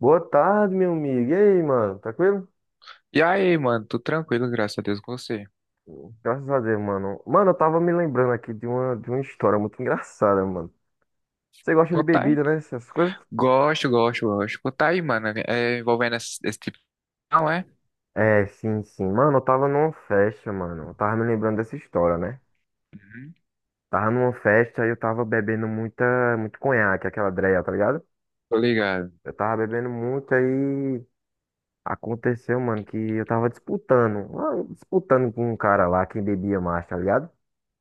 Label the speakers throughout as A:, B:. A: Boa tarde, meu amigo. E aí, mano? Tranquilo?
B: E aí, mano, tudo tranquilo, graças a Deus com você.
A: Graças a Deus, mano. Mano, eu tava me lembrando aqui de uma história muito engraçada, mano. Você gosta de
B: Conta aí,
A: bebida,
B: pô.
A: né? Essas coisas?
B: Gosto, gosto, gosto. Conta aí, mano, é envolvendo esse tipo. Não é?
A: É, sim, sim. Mano, eu tava numa festa, mano. Eu tava me lembrando dessa história, né?
B: Uhum.
A: Tava numa festa e eu tava muito conhaque, aquela dreia, tá ligado?
B: Tô ligado,
A: Eu tava bebendo muito aí. Aconteceu, mano, que eu tava disputando com um cara lá, quem bebia mais, tá ligado?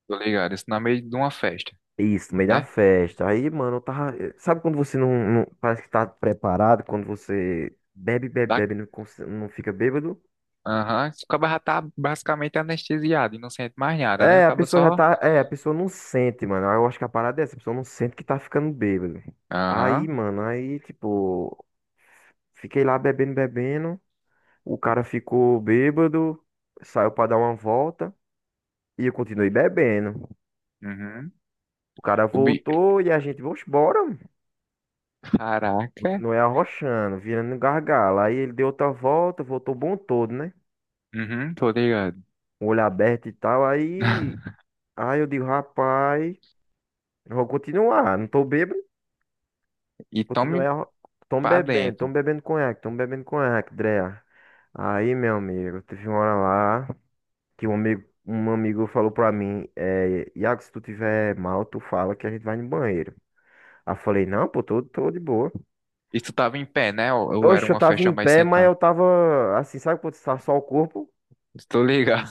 B: tô ligado. Isso no meio de uma festa,
A: Isso, no meio da
B: né?
A: festa. Aí, mano, eu tava. Sabe quando você parece que tá preparado, quando você bebe, bebe,
B: Da...
A: bebe, não, não fica bêbado?
B: Aham. O cara já tá basicamente anestesiado e não sente mais nada, né? O
A: É, a
B: cara
A: pessoa já
B: só.
A: tá. É, a pessoa não sente, mano. Eu acho que a parada é essa, a pessoa não sente que tá ficando bêbado. Aí,
B: Aham.
A: mano, aí, tipo, fiquei lá bebendo, bebendo. O cara ficou bêbado, saiu pra dar uma volta e eu continuei bebendo.
B: Uhum.
A: O cara
B: O bi...
A: voltou e a gente, vamos embora.
B: Caraca.
A: Continuei arrochando, virando gargalo. Aí ele deu outra volta, voltou bom todo, né?
B: Uhum, tô ligado.
A: O olho aberto e tal. Aí, aí eu digo, rapaz, eu vou continuar. Não tô bêbado,
B: E
A: continuei
B: tome
A: arro...
B: pra dentro.
A: tô bebendo conhaque, Drea. Aí, meu amigo, teve uma hora lá que um amigo falou pra mim, é, Iago, se tu tiver mal, tu fala que a gente vai no banheiro. Aí eu falei, não, pô, tô de boa.
B: E tu tava em pé, né? Ou era
A: Oxe, eu
B: uma
A: tava
B: festa
A: em
B: mais
A: pé, mas
B: sentada?
A: eu tava assim, sabe quando tá só o corpo?
B: Tô ligado.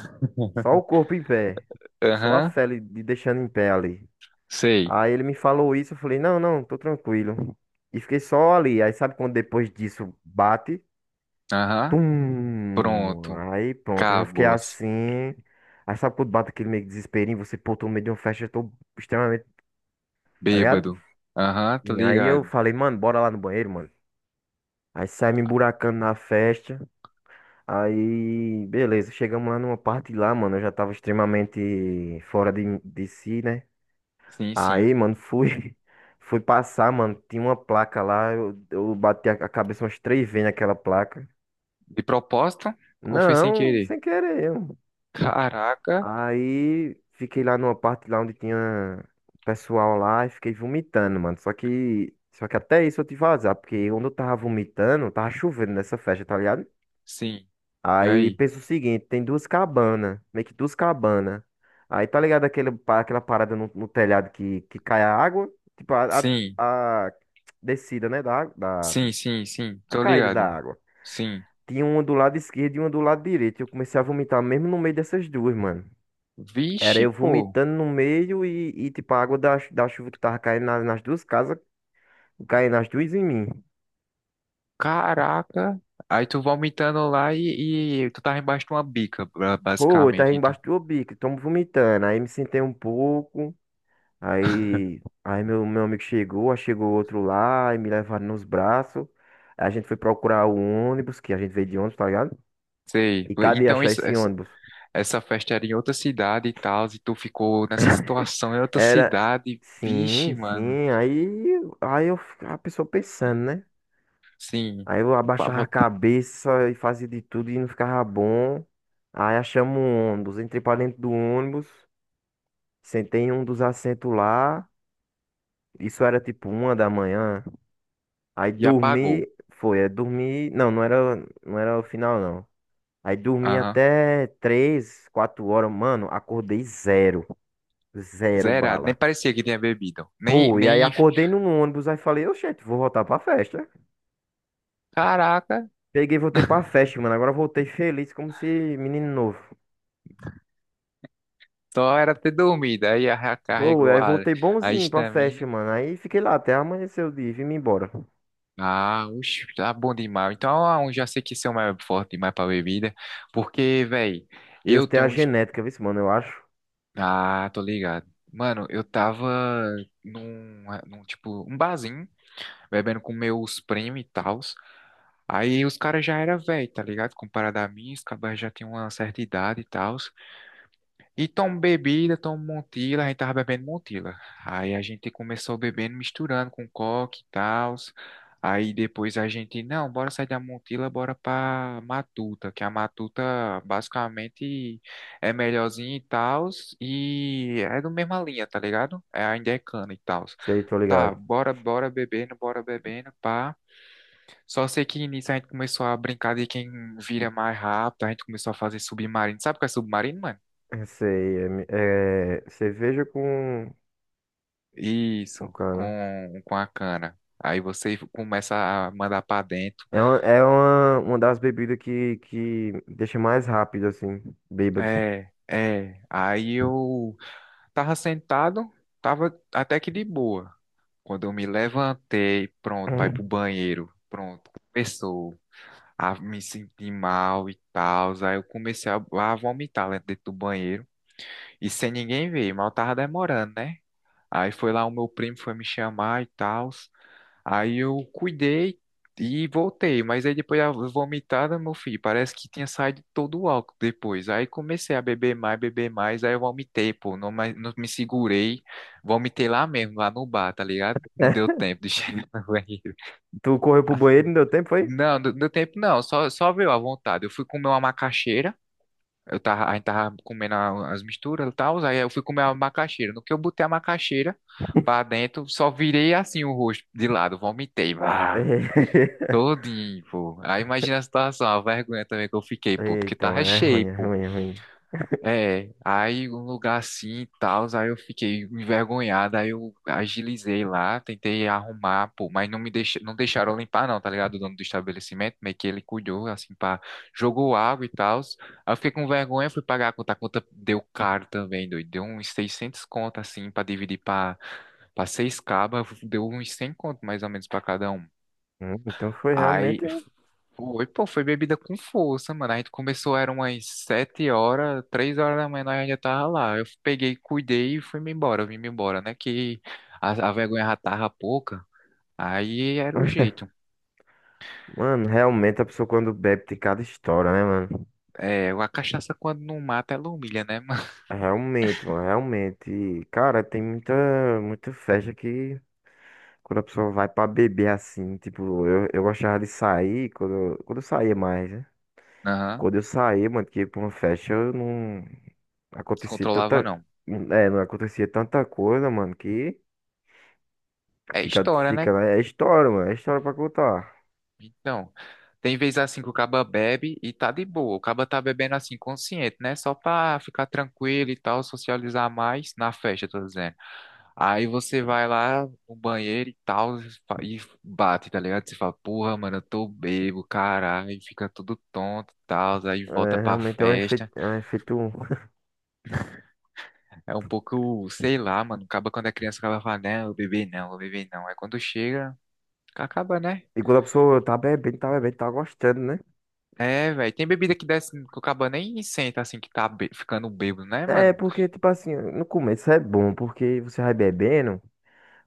A: Só o corpo em pé. Só a
B: Aham,
A: fé ali, de deixando em pé ali.
B: sei.
A: Aí ele me falou isso, eu falei, não, não, tô tranquilo. E fiquei só ali. Aí sabe quando depois disso bate?
B: Aham.
A: Tum!
B: Pronto,
A: Aí pronto, eu já fiquei
B: cabos,
A: assim. Aí sabe quando bate aquele meio que desesperinho, você, pô, tô no meio de uma festa, eu tô extremamente, tá ligado?
B: bêbado. Aham, tô
A: E aí eu
B: ligado.
A: falei, mano, bora lá no banheiro, mano. Aí sai me emburacando na festa. Aí, beleza, chegamos lá numa parte lá, mano, eu já tava extremamente fora de si, né?
B: Sim,
A: Aí,
B: sim.
A: mano, fui, fui passar, mano. Tinha uma placa lá. Eu bati a cabeça umas três vezes naquela placa.
B: De propósito ou foi sem
A: Não,
B: querer?
A: sem querer, mano.
B: Caraca,
A: Aí fiquei lá numa parte lá onde tinha pessoal lá e fiquei vomitando, mano. Só que até isso eu tive azar, porque onde eu tava vomitando, tava chovendo nessa festa, tá ligado?
B: sim. E
A: Aí
B: aí?
A: pensa o seguinte, tem duas cabanas, meio que duas cabanas. Aí tá ligado aquela parada no, no telhado que cai a água? Tipo,
B: Sim,
A: a descida, né, da
B: sim, sim, sim.
A: a
B: Tô
A: caída da
B: ligado.
A: água.
B: Sim.
A: Tinha uma do lado esquerdo e uma do lado direito. Eu comecei a vomitar mesmo no meio dessas duas, mano. Era
B: Vixe,
A: eu
B: pô.
A: vomitando no meio e tipo, a água da da chuva que tava caindo nas duas casas, caindo nas duas em mim.
B: Caraca. Aí tu vomitando lá e tu tava embaixo de uma bica,
A: Pô, eu tava
B: basicamente, então.
A: embaixo do bico, tamo vomitando. Aí me sentei um pouco. Aí meu amigo chegou, aí chegou outro lá, e me levaram nos braços. Aí a gente foi procurar o ônibus, que a gente veio de ônibus, tá ligado?
B: Sei.
A: E cadê
B: Então
A: achar
B: isso,
A: esse
B: essa,
A: ônibus?
B: essa festa era em outra cidade e tal, e tu ficou nessa situação em outra
A: Era.
B: cidade. Vixe,
A: Sim,
B: mano.
A: sim. Aí, a pessoa pensando, né?
B: Sim,
A: Aí eu
B: pa-
A: abaixava a
B: bot-
A: cabeça e fazia de tudo e não ficava bom. Aí achamos um ônibus, entrei pra dentro do ônibus, sentei em um dos assentos lá. Isso era tipo uma da manhã. Aí
B: e apagou.
A: dormi, foi, dormi, não era o final não. Aí dormi
B: Aham.
A: até três, quatro horas, mano, acordei zero, zero
B: Zerado. Nem
A: bala.
B: parecia que tinha bebido. Nem,
A: Pô, e aí
B: nem.
A: acordei num ônibus, aí falei, oxente, vou voltar pra festa.
B: Caraca,
A: Peguei, e voltei pra festa, mano, agora voltei feliz como se menino novo.
B: só era ter dormido. Aí
A: Pô, e
B: recarregou
A: aí
B: a,
A: voltei
B: a
A: bonzinho pra festa,
B: estamina.
A: mano, aí fiquei lá até amanhecer o dia e vim embora.
B: Ah, oxe, tá bom demais. Então, eu já sei que esse é o mais forte demais pra bebida. Porque, velho,
A: Eu
B: eu
A: tenho a
B: tenho uns.
A: genética, viu, mano, eu acho,
B: Ah, tô ligado. Mano, eu tava num tipo, um barzinho, bebendo com meus primos e tal. Aí os caras já era velho, tá ligado? Comparado a mim, os cabas já tinham uma certa idade e tal. E tomam bebida, tomam Montila, a gente tava bebendo Montila. Aí a gente começou bebendo, misturando com coque e tal. Aí depois a gente, não, bora sair da Montila, bora pra Matuta, que a Matuta basicamente é melhorzinha e tal. E é da mesma linha, tá ligado? É ainda é cana e tal.
A: sei, tô
B: Tá,
A: ligado.
B: bora, bora bebendo, pá. Só sei que nisso a gente começou a brincar de quem vira mais rápido, a gente começou a fazer submarino. Sabe o que é submarino, mano?
A: É, sei, é, é cerveja com
B: Isso,
A: cana.
B: com a cana. Aí você começa a mandar pra dentro.
A: É uma, uma das bebidas que deixa mais rápido, assim, bêbado.
B: É, é. Aí eu tava sentado, tava até que de boa. Quando eu me levantei, pronto, pra ir pro banheiro, pronto, começou a me sentir mal e tal. Aí eu comecei a vomitar lá dentro do banheiro. E sem ninguém ver, mal tava demorando, né? Aí foi lá o meu primo foi me chamar e tal. Aí eu cuidei e voltei, mas aí depois a vomitada, meu filho, parece que tinha saído todo o álcool depois. Aí comecei a beber mais, aí eu vomitei, pô, não, não me segurei, vomitei lá mesmo, lá no bar, tá ligado? Não deu tempo de chegar no banheiro.
A: Tu correu pro banheiro, não deu tempo, foi?
B: Não, não deu tempo não, só veio à vontade. Eu fui comer uma macaxeira. A gente tava comendo as misturas e tal, aí eu fui comer a macaxeira. No que eu botei a macaxeira pra dentro, só virei assim o rosto de lado, vomitei, vá, todinho, pô. Aí imagina a situação, a vergonha também que eu fiquei, pô, porque
A: Então,
B: tava
A: é ruim,
B: cheio,
A: é
B: pô.
A: ruim, é ruim.
B: É, aí um lugar assim e tal, aí eu fiquei envergonhado, aí eu agilizei lá, tentei arrumar, pô, mas não deixaram eu limpar não, tá ligado? O dono do estabelecimento, meio que ele cuidou, assim, pá, jogou água e tal, aí eu fiquei com vergonha, fui pagar a conta deu caro também, doido, deu uns 600 conto, assim, pra dividir pra seis cabas, deu uns 100 conto mais ou menos pra cada um.
A: Então foi
B: Aí
A: realmente.
B: foi, pô, foi bebida com força, mano. A gente começou, eram umas 7 horas, 3 horas da manhã, nós já tava lá. Eu peguei, cuidei e fui-me embora, eu vim-me embora, né? Que a vergonha já tava pouca, aí era o jeito.
A: Mano, realmente a pessoa quando bebe tem cada história, né, mano?
B: É, a cachaça quando não mata, ela humilha, né, mano?
A: Realmente, mano, realmente. Cara, tem muita, muita festa que quando a pessoa vai pra beber assim, tipo, eu gostava de sair quando, quando eu saía mais, né?
B: Aham,
A: Quando eu saía, mano, que ia pra uma festa, eu não. Acontecia
B: descontrolava
A: tanta.
B: não.
A: É, não acontecia tanta coisa, mano, que
B: É
A: fica,
B: história, né?
A: fica, né? É história, mano. É história pra contar.
B: Então, tem vez assim que o caba bebe e tá de boa. O caba tá bebendo assim, consciente, né? Só pra ficar tranquilo e tal, socializar mais na festa, tô dizendo. Aí você vai lá no banheiro e tal, e bate, tá ligado? Você fala, porra, mano, eu tô bebo, caralho, e fica tudo tonto e tal, aí volta
A: É,
B: pra
A: realmente é um
B: festa.
A: efeito, é um efeito.
B: É um pouco, sei lá, mano, acaba quando é criança, acaba falando, não, eu bebi não, eu bebi não. Aí quando chega, acaba, né?
A: E quando a pessoa tá bebendo, tá bebendo, tá gostando, né?
B: É, velho. Tem bebida que desce, que o caba nem senta assim que tá ficando bêbado, né,
A: É,
B: mano?
A: porque, tipo assim, no começo é bom, porque você vai bebendo,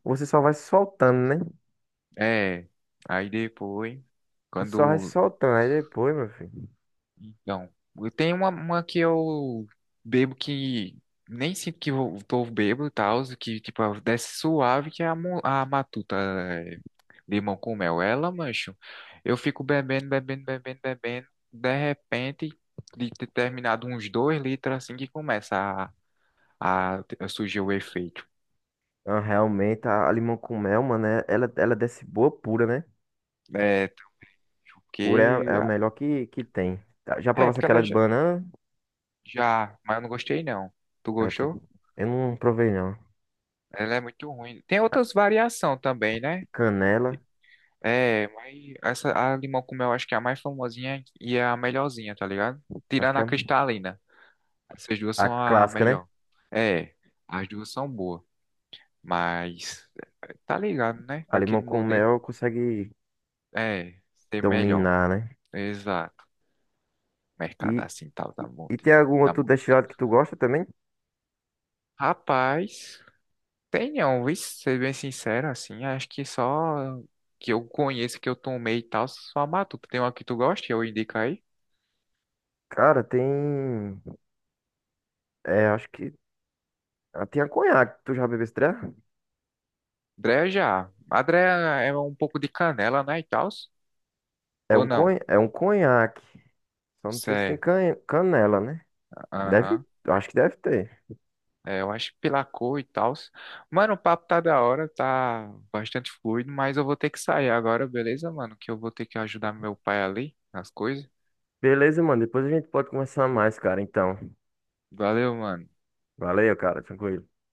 A: você só vai se soltando, né?
B: É. Aí depois,
A: Você só vai se
B: quando.
A: soltando. Aí depois, meu filho.
B: Então, eu tenho uma que eu bebo que nem sinto que eu tô bêbado e tal, que tipo, desce suave, que é a matuta, é, limão com mel. Ela, mancho, eu fico bebendo, bebendo, bebendo, bebendo. De repente, de ter terminado uns 2 litros assim que começa a surgir o efeito.
A: Realmente, a limão com mel, mano, ela, ela desce boa pura, né?
B: É,
A: Pura é
B: porque.
A: é a melhor que tem. Já
B: É,
A: provasse
B: porque
A: aquela
B: ela
A: de
B: já,
A: banana?
B: já. Mas eu não gostei, não. Tu
A: Essa-
B: gostou?
A: eu não provei, não.
B: Ela é muito ruim. Tem outras variações também, né?
A: Canela.
B: É, mas essa, a limão com mel acho que é a mais famosinha e é a melhorzinha, tá ligado?
A: Acho
B: Tirando
A: que é
B: a cristalina. Essas duas
A: a
B: são a
A: clássica, né?
B: melhor. É, as duas são boas. Mas. Tá ligado, né?
A: A limão
B: Daquele
A: com
B: modelo.
A: mel consegue
B: É, ser melhor.
A: dominar, né?
B: Exato. Mercado
A: E,
B: assim tal da
A: e tem
B: Montila.
A: algum
B: Da
A: outro
B: Montuta.
A: destilado que tu gosta também?
B: Rapaz. Tenho, vixe, ser bem sincero, assim, acho que só que eu conheço, que eu tomei e tal, só a Matuta. Tem uma que tu gosta, que eu indico aí?
A: Cara, tem. É, acho que. Tem a conhaque. Tu já bebeu esse treco?
B: Dreia já. A Dreia é um pouco de canela, né, e tal?
A: É
B: Ou
A: um,
B: não?
A: é um conhaque. Só não sei se tem
B: Certo,
A: canela, né? Deve.
B: aham.
A: Acho que deve ter.
B: É, eu acho que pela cor e tal. Mano, o papo tá da hora, tá bastante fluido, mas eu vou ter que sair agora, beleza, mano? Que eu vou ter que ajudar meu pai ali nas coisas.
A: Beleza, mano. Depois a gente pode conversar mais, cara. Então.
B: Valeu, mano.
A: Valeu, cara. Tranquilo.